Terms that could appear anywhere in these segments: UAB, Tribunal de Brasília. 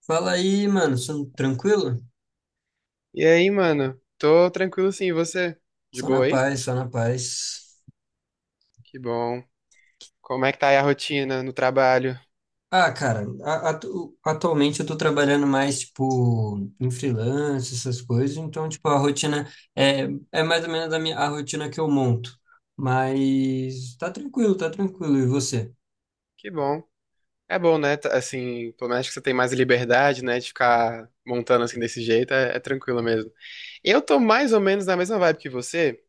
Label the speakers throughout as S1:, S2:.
S1: Fala aí, mano, tranquilo?
S2: E aí, mano? Tô tranquilo sim, e você? De
S1: Só na
S2: boa aí?
S1: paz, só na paz.
S2: Que bom. Como é que tá aí a rotina no trabalho?
S1: Ah, cara, atualmente eu tô trabalhando mais, tipo, em freelance, essas coisas, então, tipo, a rotina é, é mais ou menos a minha, a rotina que eu monto. Mas tá tranquilo, tá tranquilo. E você?
S2: Que bom. É bom, né? Assim, pelo menos que você tem mais liberdade, né? De ficar montando assim desse jeito, é tranquilo mesmo. Eu tô mais ou menos na mesma vibe que você,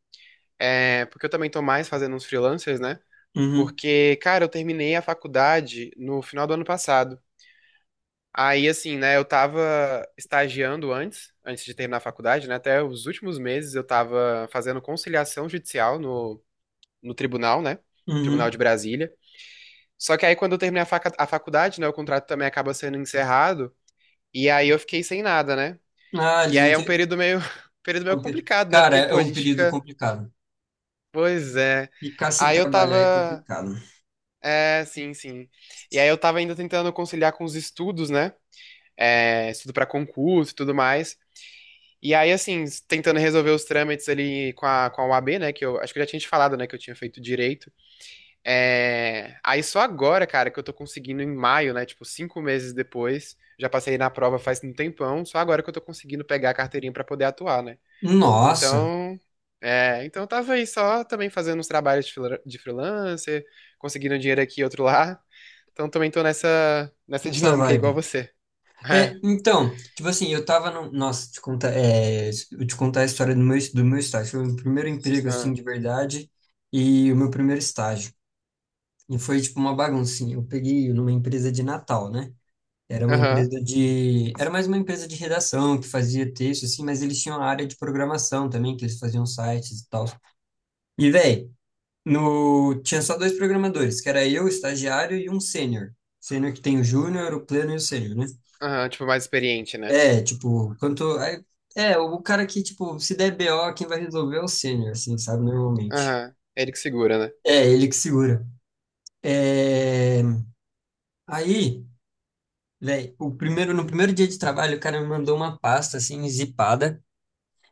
S2: porque eu também tô mais fazendo uns freelancers, né?
S1: Uhum,
S2: Porque, cara, eu terminei a faculdade no final do ano passado. Aí, assim, né, eu tava estagiando antes, antes de terminar a faculdade, né, até os últimos meses eu tava fazendo conciliação judicial no tribunal, né, no Tribunal
S1: uhum.
S2: de Brasília. Só que aí quando eu terminei a faculdade, né, o contrato também acaba sendo encerrado, e aí eu fiquei sem nada, né.
S1: Ah,
S2: E
S1: eles não
S2: aí é um
S1: querem.
S2: período meio, período meio complicado, né,
S1: Cara,
S2: porque,
S1: é
S2: pô, a
S1: um
S2: gente
S1: período
S2: fica,
S1: complicado.
S2: pois é.
S1: Ficar sem
S2: Aí eu
S1: trabalhar é
S2: tava,
S1: complicado.
S2: é, sim, sim. E aí eu tava ainda tentando conciliar com os estudos, né, estudo pra concurso e tudo mais. E aí, assim, tentando resolver os trâmites ali com a UAB, né? Que eu acho que eu já tinha te falado, né? Que eu tinha feito direito. É... Aí só agora, cara, que eu tô conseguindo em maio, né? Tipo, cinco meses depois. Já passei na prova faz um tempão. Só agora que eu tô conseguindo pegar a carteirinha pra poder atuar, né?
S1: Nossa,
S2: Então. É, então eu tava aí só também fazendo uns trabalhos de de freelancer, conseguindo um dinheiro aqui e outro lá. Então também tô nessa
S1: essa
S2: dinâmica aí, igual
S1: vibe.
S2: você.
S1: É,
S2: É.
S1: então, tipo assim, eu tava no. Nossa, te contar, eu te contar a história do meu estágio. Foi o primeiro emprego, assim,
S2: Ah.
S1: de verdade, e o meu primeiro estágio. E foi, tipo, uma baguncinha. Eu peguei numa empresa de Natal, né?
S2: Aham.
S1: Era mais uma empresa de redação, que fazia texto, assim, mas eles tinham a área de programação também, que eles faziam sites e tal. E, véi, no... tinha só dois programadores, que era eu, o estagiário, e um sênior. Sênior que tem o júnior, o pleno e o sênior, né?
S2: Aham. Tipo, mais experiente, né?
S1: É, tipo, quanto. É, o cara que, tipo, se der BO, quem vai resolver é o sênior, assim, sabe? Normalmente.
S2: Aham. É ele que segura, né?
S1: É, ele que segura. É, aí, velho, no primeiro dia de trabalho, o cara me mandou uma pasta, assim, zipada.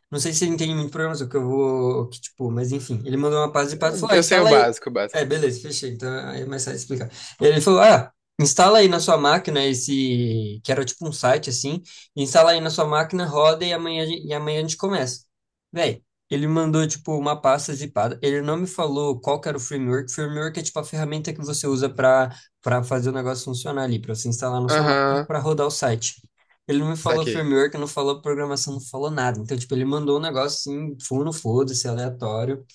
S1: Não sei se ele entende muito programação, que eu vou. O Que, tipo, mas enfim, ele mandou uma pasta de pato e
S2: Eu
S1: falou: ah,
S2: eu sei o
S1: instala aí.
S2: básico, o básico.
S1: É, beleza, fechei. Então aí é mais fácil explicar. Ele falou: ah, instala aí na sua máquina esse. Que era tipo um site assim. Instala aí na sua máquina, roda e amanhã, e amanhã a gente começa. Véi, ele mandou tipo uma pasta zipada. Ele não me falou qual que era o framework. Framework é tipo a ferramenta que você usa para fazer o negócio funcionar ali, para você instalar na sua máquina
S2: Aham.
S1: para rodar o site. Ele não me falou
S2: Saquei.
S1: framework, não falou programação, não falou nada. Então, tipo, ele mandou um negócio assim, fundo, foda-se, aleatório.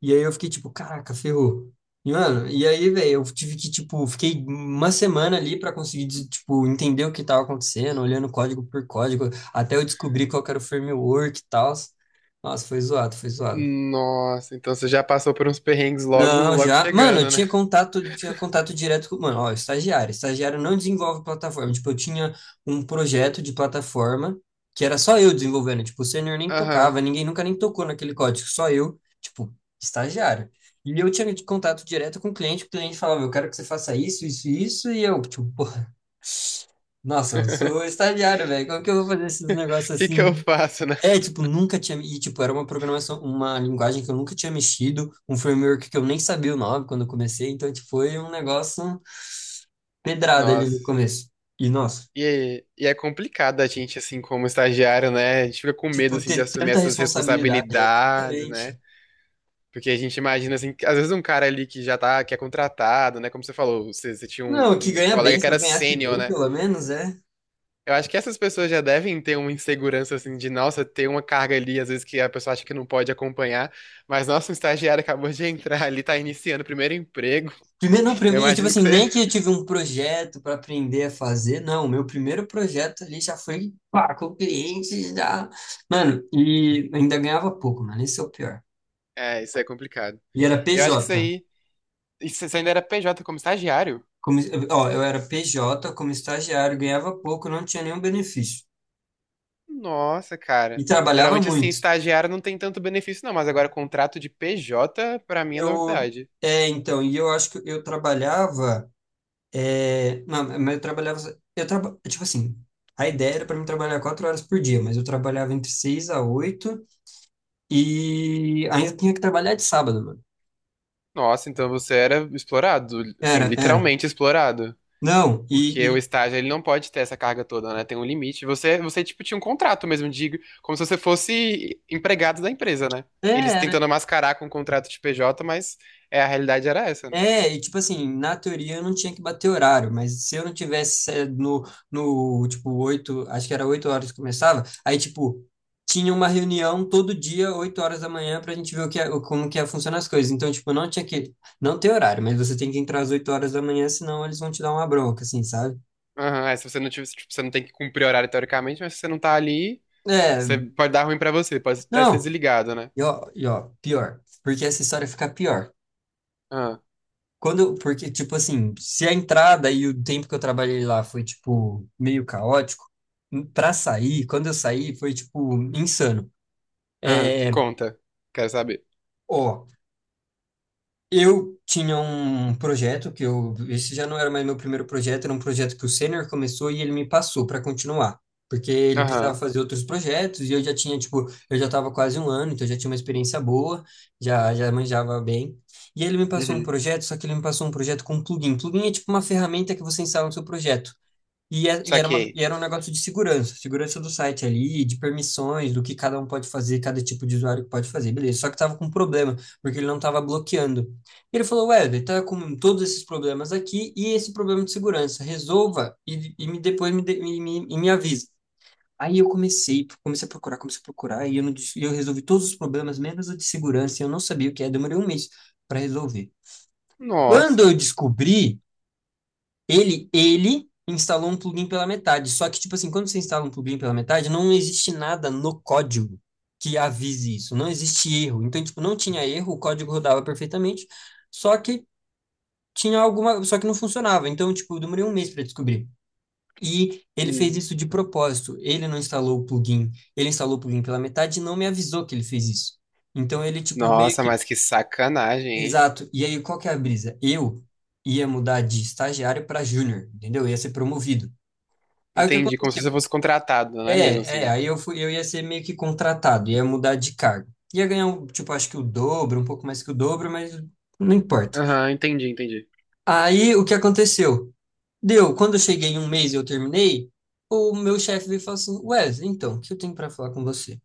S1: E aí eu fiquei tipo, caraca, ferrou. E, mano, e aí, velho, eu tive que, tipo, fiquei uma semana ali pra conseguir, tipo, entender o que tava acontecendo, olhando código por código, até eu descobrir qual que era o framework e tal. Nossa, foi zoado, foi zoado.
S2: Nossa, então você já passou por uns perrengues logo,
S1: Não,
S2: logo
S1: já. Mano, eu
S2: chegando, né?
S1: tinha contato, tinha contato direto com. Mano, ó, estagiário. Estagiário não desenvolve plataforma. Tipo, eu tinha um projeto de plataforma que era só eu desenvolvendo. Tipo, o sênior nem
S2: Aham.
S1: tocava, ninguém nunca nem tocou naquele código, só eu, tipo, estagiário. E eu tinha contato direto com o cliente falava, eu quero que você faça isso, isso, e isso, e eu, tipo, porra, nossa, eu sou estagiário, velho. Como que eu vou fazer esses negócios
S2: O que que
S1: assim?
S2: eu faço, né?
S1: É, tipo, nunca tinha. E, tipo, era uma programação, uma linguagem que eu nunca tinha mexido, um framework que eu nem sabia o nome quando eu comecei, então, tipo, foi um negócio pedrada ali no
S2: Nossa.
S1: começo. E, nossa,
S2: E é complicado a gente, assim, como estagiário, né? A gente fica com medo,
S1: tipo,
S2: assim, de
S1: ter
S2: assumir
S1: tanta
S2: essas
S1: responsabilidade, é,
S2: responsabilidades, né?
S1: exatamente.
S2: Porque a gente imagina, assim, que às vezes um cara ali que já tá, que é contratado, né? Como você falou, você tinha
S1: Não, que
S2: um
S1: ganha bem,
S2: colega que
S1: se eu
S2: era
S1: ganhasse
S2: sênior,
S1: bem,
S2: né?
S1: pelo menos, é.
S2: Eu acho que essas pessoas já devem ter uma insegurança assim de, nossa, ter uma carga ali, às vezes que a pessoa acha que não pode acompanhar, mas nossa, um estagiário acabou de entrar ali, tá iniciando o primeiro emprego.
S1: Primeiro, não, pra
S2: Eu
S1: mim, tipo
S2: imagino que
S1: assim,
S2: você.
S1: nem que eu tive um projeto para aprender a fazer, não, meu primeiro projeto ali já foi, pá, com o cliente, já. Mano, e ainda ganhava pouco, mano, esse é o pior.
S2: É, isso é complicado.
S1: E era
S2: Eu acho que isso
S1: PJ.
S2: aí. Você ainda era PJ como estagiário?
S1: Como, ó, eu era PJ, como estagiário, ganhava pouco, não tinha nenhum benefício.
S2: Nossa,
S1: E
S2: cara.
S1: trabalhava
S2: Geralmente, assim,
S1: muito.
S2: estagiário não tem tanto benefício, não, mas agora contrato de PJ, pra mim, é
S1: Eu,
S2: novidade.
S1: então, e eu acho que eu trabalhava, é, não, mas eu trabalhava, tipo assim, a ideia era para mim trabalhar 4 horas por dia, mas eu trabalhava entre seis a oito e ainda tinha que trabalhar de sábado, mano.
S2: Nossa, então você era explorado, assim,
S1: Era, era.
S2: literalmente explorado.
S1: Não,
S2: Porque
S1: e,
S2: o
S1: e
S2: estágio, ele não pode ter essa carga toda, né? Tem um limite. Você, tinha um contrato mesmo, digo, como se você fosse empregado da empresa, né? Eles
S1: era
S2: tentando mascarar com o contrato de PJ, mas é, a realidade era essa, né?
S1: E tipo assim, na teoria eu não tinha que bater horário, mas se eu não tivesse no, tipo, oito, acho que era 8 horas que começava, aí tipo, tinha uma reunião todo dia, 8 horas da manhã, pra gente ver o que é, como que é, funcionam as coisas. Então, tipo, não ter horário, mas você tem que entrar às 8 horas da manhã, senão eles vão te dar uma bronca, assim, sabe?
S2: Aham, é, se você não tiver, tipo, você não tem que cumprir horário teoricamente, mas se você não tá ali,
S1: É,
S2: você pode dar ruim pra você, pode até ser
S1: não,
S2: desligado, né?
S1: e ó, pior, porque essa história fica pior.
S2: Aham,
S1: Porque, tipo assim, se a entrada e o tempo que eu trabalhei lá foi, tipo, meio caótico, pra sair, quando eu saí, foi, tipo, insano.
S2: aham,
S1: É,
S2: conta. Quero saber.
S1: ó, eu tinha um projeto esse já não era mais meu primeiro projeto, era um projeto que o sênior começou e ele me passou para continuar, porque ele precisava
S2: Aham,
S1: fazer outros projetos e eu já tinha, tipo, eu já estava quase um ano, então eu já tinha uma experiência boa, já já manjava bem. E ele me passou um
S2: uhum,
S1: projeto, só que ele me passou um projeto com plugin. Plugin é tipo uma ferramenta que você instala no seu projeto. E,
S2: saquei.
S1: e era um negócio de segurança, segurança do site ali, de permissões, do que cada um pode fazer, cada tipo de usuário que pode fazer, beleza. Só que tava com um problema, porque ele não tava bloqueando. Ele falou, Wesley, tá com todos esses problemas aqui e esse problema de segurança, resolva e me, depois me, e me, e me avisa. Comecei a procurar, e eu, não, dis- e eu resolvi todos os problemas, menos o de segurança, e eu não sabia o que é, demorei um mês para resolver. Quando eu
S2: Nossa.
S1: descobri, ele instalou um plugin pela metade. Só que, tipo assim, quando você instala um plugin pela metade, não existe nada no código que avise isso. Não existe erro. Então, tipo, não tinha erro, o código rodava perfeitamente, só que só que não funcionava. Então, tipo, eu demorei um mês para descobrir. E ele fez
S2: Hum.
S1: isso de propósito. Ele não instalou o plugin, ele instalou o plugin pela metade e não me avisou que ele fez isso. Então ele tipo meio
S2: Nossa,
S1: que
S2: mas que sacanagem, hein?
S1: exato. E aí qual que é a brisa? Eu ia mudar de estagiário para júnior, entendeu? Ia ser promovido. Aí o que
S2: Entendi, como se você
S1: aconteceu?
S2: fosse contratado, não é mesmo
S1: É,
S2: assim?
S1: eu ia ser meio que contratado, ia mudar de cargo. Ia ganhar, um, tipo, acho que o dobro, um pouco mais que o dobro, mas não importa.
S2: Aham, entendi, entendi.
S1: Aí o que aconteceu? Quando eu cheguei em um mês e eu terminei, o meu chefe veio e falou assim: Wesley, então, o que eu tenho para falar com você?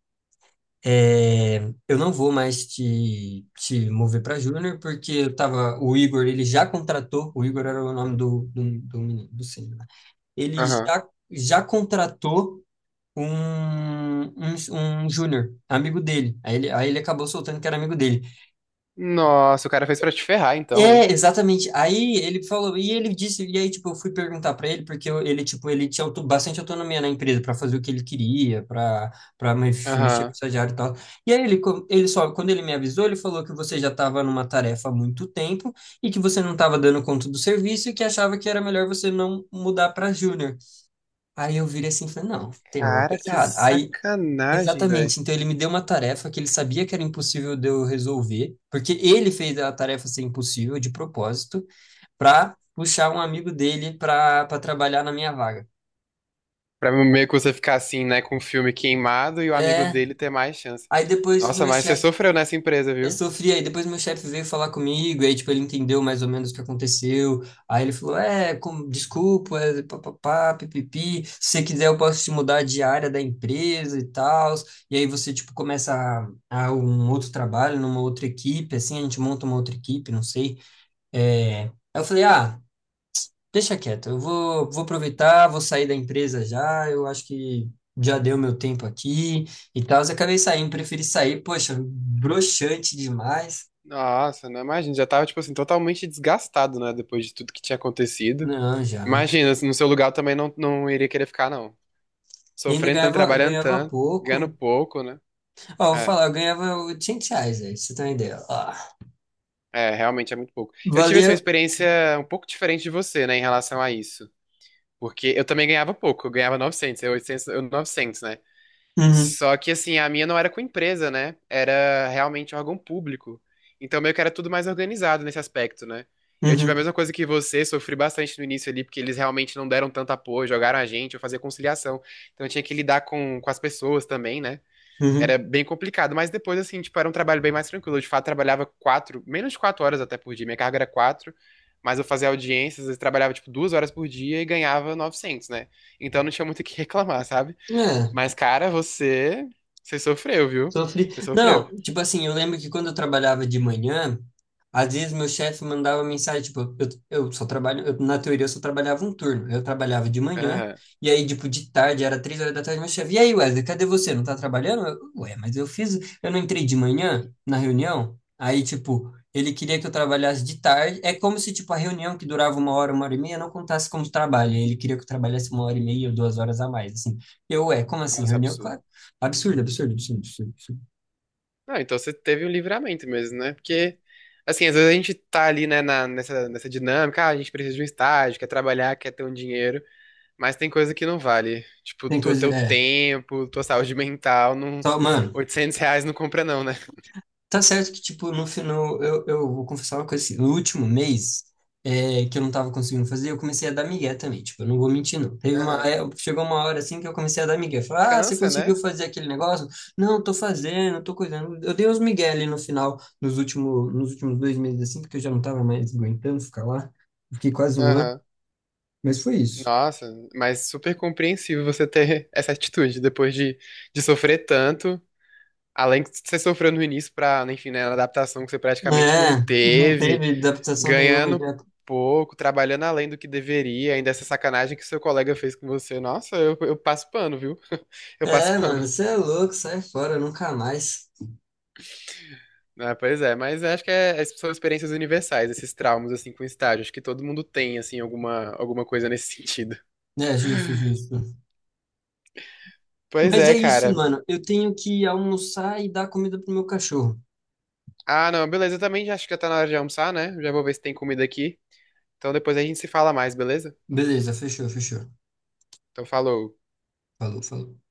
S1: É, eu não vou mais te mover para júnior, porque o Igor, ele já contratou, o Igor era o nome do menino, do sênior, né? Ele
S2: Aham.
S1: já contratou um júnior, amigo dele. Aí ele acabou soltando que era amigo dele.
S2: Nossa, o cara fez pra te ferrar então,
S1: É,
S2: hein?
S1: exatamente. Aí ele falou, e ele disse, e aí, tipo, eu fui perguntar pra ele, porque ele, tipo, ele tinha bastante autonomia na empresa pra fazer o que ele queria, pra para mexer com o
S2: Aham.
S1: estagiário e tal. E aí ele, co- ele só, quando ele me avisou, ele falou que você já estava numa tarefa há muito tempo e que você não estava dando conta do serviço e que achava que era melhor você não mudar pra júnior. Aí eu virei assim e falei, não, tem alguma
S2: Cara,
S1: coisa
S2: que
S1: errada. Aí
S2: sacanagem, velho.
S1: Exatamente. Então ele me deu uma tarefa que ele sabia que era impossível de eu resolver, porque ele fez a tarefa ser impossível de propósito para puxar um amigo dele para trabalhar na minha vaga.
S2: Pra meio que você ficar assim, né, com o filme queimado e o amigo
S1: É.
S2: dele ter mais chance.
S1: Aí depois o
S2: Nossa,
S1: meu
S2: mas você
S1: chefe
S2: sofreu nessa empresa,
S1: Eu
S2: viu?
S1: sofri, aí depois meu chefe veio falar comigo, aí tipo, ele entendeu mais ou menos o que aconteceu, aí ele falou, desculpa, papapá, pipipi, se você quiser eu posso te mudar de área da empresa e tal, e aí você, tipo, começa a um outro trabalho, numa outra equipe, assim, a gente monta uma outra equipe, não sei, é... Aí eu falei, ah, deixa quieto, eu vou aproveitar, vou sair da empresa já, eu acho que já deu meu tempo aqui e tal, acabei saindo, preferi sair, poxa, broxante demais,
S2: Nossa, não imagina, já tava, tipo assim, totalmente desgastado, né, depois de tudo que tinha acontecido.
S1: não, já.
S2: Imagina, no seu lugar eu também não, não iria querer ficar, não.
S1: E ainda
S2: Sofrendo tanto,
S1: ganhava,
S2: trabalhando
S1: ganhava
S2: tanto, ganhando
S1: pouco.
S2: pouco, né?
S1: Ó, eu vou
S2: É,
S1: falar, eu ganhava R$ 800, aí, pra você ter uma ideia. Ó,
S2: é, realmente é muito pouco. Eu tive assim, uma
S1: valia.
S2: experiência um pouco diferente de você, né, em relação a isso. Porque eu também ganhava pouco, eu ganhava 900, eu 800, eu 900, né?
S1: Uhum,
S2: Só que assim, a minha não era com empresa, né? Era realmente órgão público. Então meio que era tudo mais organizado nesse aspecto, né? Eu tive a
S1: uhum,
S2: mesma coisa que você, sofri bastante no início ali, porque eles realmente não deram tanto apoio, jogaram a gente, eu fazia conciliação. Então eu tinha que lidar com as pessoas também, né?
S1: uhum.
S2: Era bem complicado, mas depois, assim, tipo, era um trabalho bem mais tranquilo. Eu, de fato, trabalhava quatro, menos de quatro horas até por dia, minha carga era quatro, mas eu fazia audiências, eu trabalhava, tipo, duas horas por dia e ganhava 900, né? Então não tinha muito o que reclamar, sabe?
S1: É.
S2: Mas, cara, você. Você sofreu, viu?
S1: Sofri.
S2: Você sofreu.
S1: Não, tipo assim, eu lembro que quando eu trabalhava de manhã, às vezes meu chefe mandava mensagem, tipo, eu só trabalho, na teoria eu só trabalhava um turno. Eu trabalhava de manhã,
S2: Aham.
S1: e aí, tipo, de tarde, era 3 horas da tarde, meu chefe, e aí, Wesley, cadê você? Não tá trabalhando? Ué, mas eu fiz, eu não entrei de manhã na reunião? Aí, tipo, ele queria que eu trabalhasse de tarde. É como se, tipo, a reunião que durava uma hora e meia, não contasse como trabalho. Aí ele queria que eu trabalhasse uma hora e meia ou 2 horas a mais, assim. Eu, ué, como assim,
S2: Nossa,
S1: reunião?
S2: absurdo.
S1: Claro, absurdo, absurdo, absurdo, absurdo.
S2: Não, então você teve um livramento mesmo, né? Porque, assim, às vezes a gente tá ali, né, nessa, nessa dinâmica, ah, a gente precisa de um estágio, quer trabalhar, quer ter um dinheiro, mas tem coisa que não vale. Tipo,
S1: Tem
S2: tu,
S1: coisa,
S2: teu
S1: é.
S2: tempo, tua saúde mental, não,
S1: Só, mano,
S2: R$ 800 não compra não, né?
S1: tá certo que, tipo, no final, eu vou confessar uma coisa assim. No último mês, que eu não tava conseguindo fazer, eu comecei a dar migué também. Tipo, eu não vou mentir, não.
S2: Aham.
S1: Chegou uma hora assim que eu comecei a dar migué. Falar, ah, você
S2: Cansa,
S1: conseguiu
S2: né?
S1: fazer aquele negócio? Não, tô fazendo, tô cuidando. Eu dei uns migué ali no final, nos últimos 2 meses, assim, porque eu já não tava mais aguentando ficar lá. Fiquei quase um ano,
S2: Aham.
S1: mas foi isso.
S2: Nossa, mas super compreensível você ter essa atitude depois de sofrer tanto. Além de você sofreu no início pra, enfim, né, na adaptação que você praticamente não
S1: É, não
S2: teve,
S1: teve adaptação nenhuma
S2: ganhando
S1: já.
S2: pouco, trabalhando além do que deveria, ainda essa sacanagem que seu colega fez com você. Nossa, eu passo pano, viu? Eu passo
S1: É,
S2: pano.
S1: mano, você é louco, sai fora, nunca mais.
S2: Ah, pois é, mas acho que essas são experiências universais, esses traumas, assim, com estágio. Acho que todo mundo tem, assim, alguma, alguma coisa nesse sentido.
S1: É, justo, justo.
S2: Pois
S1: Mas é
S2: é,
S1: isso,
S2: cara.
S1: mano. Eu tenho que almoçar e dar comida pro meu cachorro.
S2: Ah, não, beleza, eu também já acho que já tá na hora de almoçar, né? Já vou ver se tem comida aqui. Então depois a gente se fala mais, beleza?
S1: Beleza, fechou, fechou.
S2: Então falou.
S1: Falou, falou.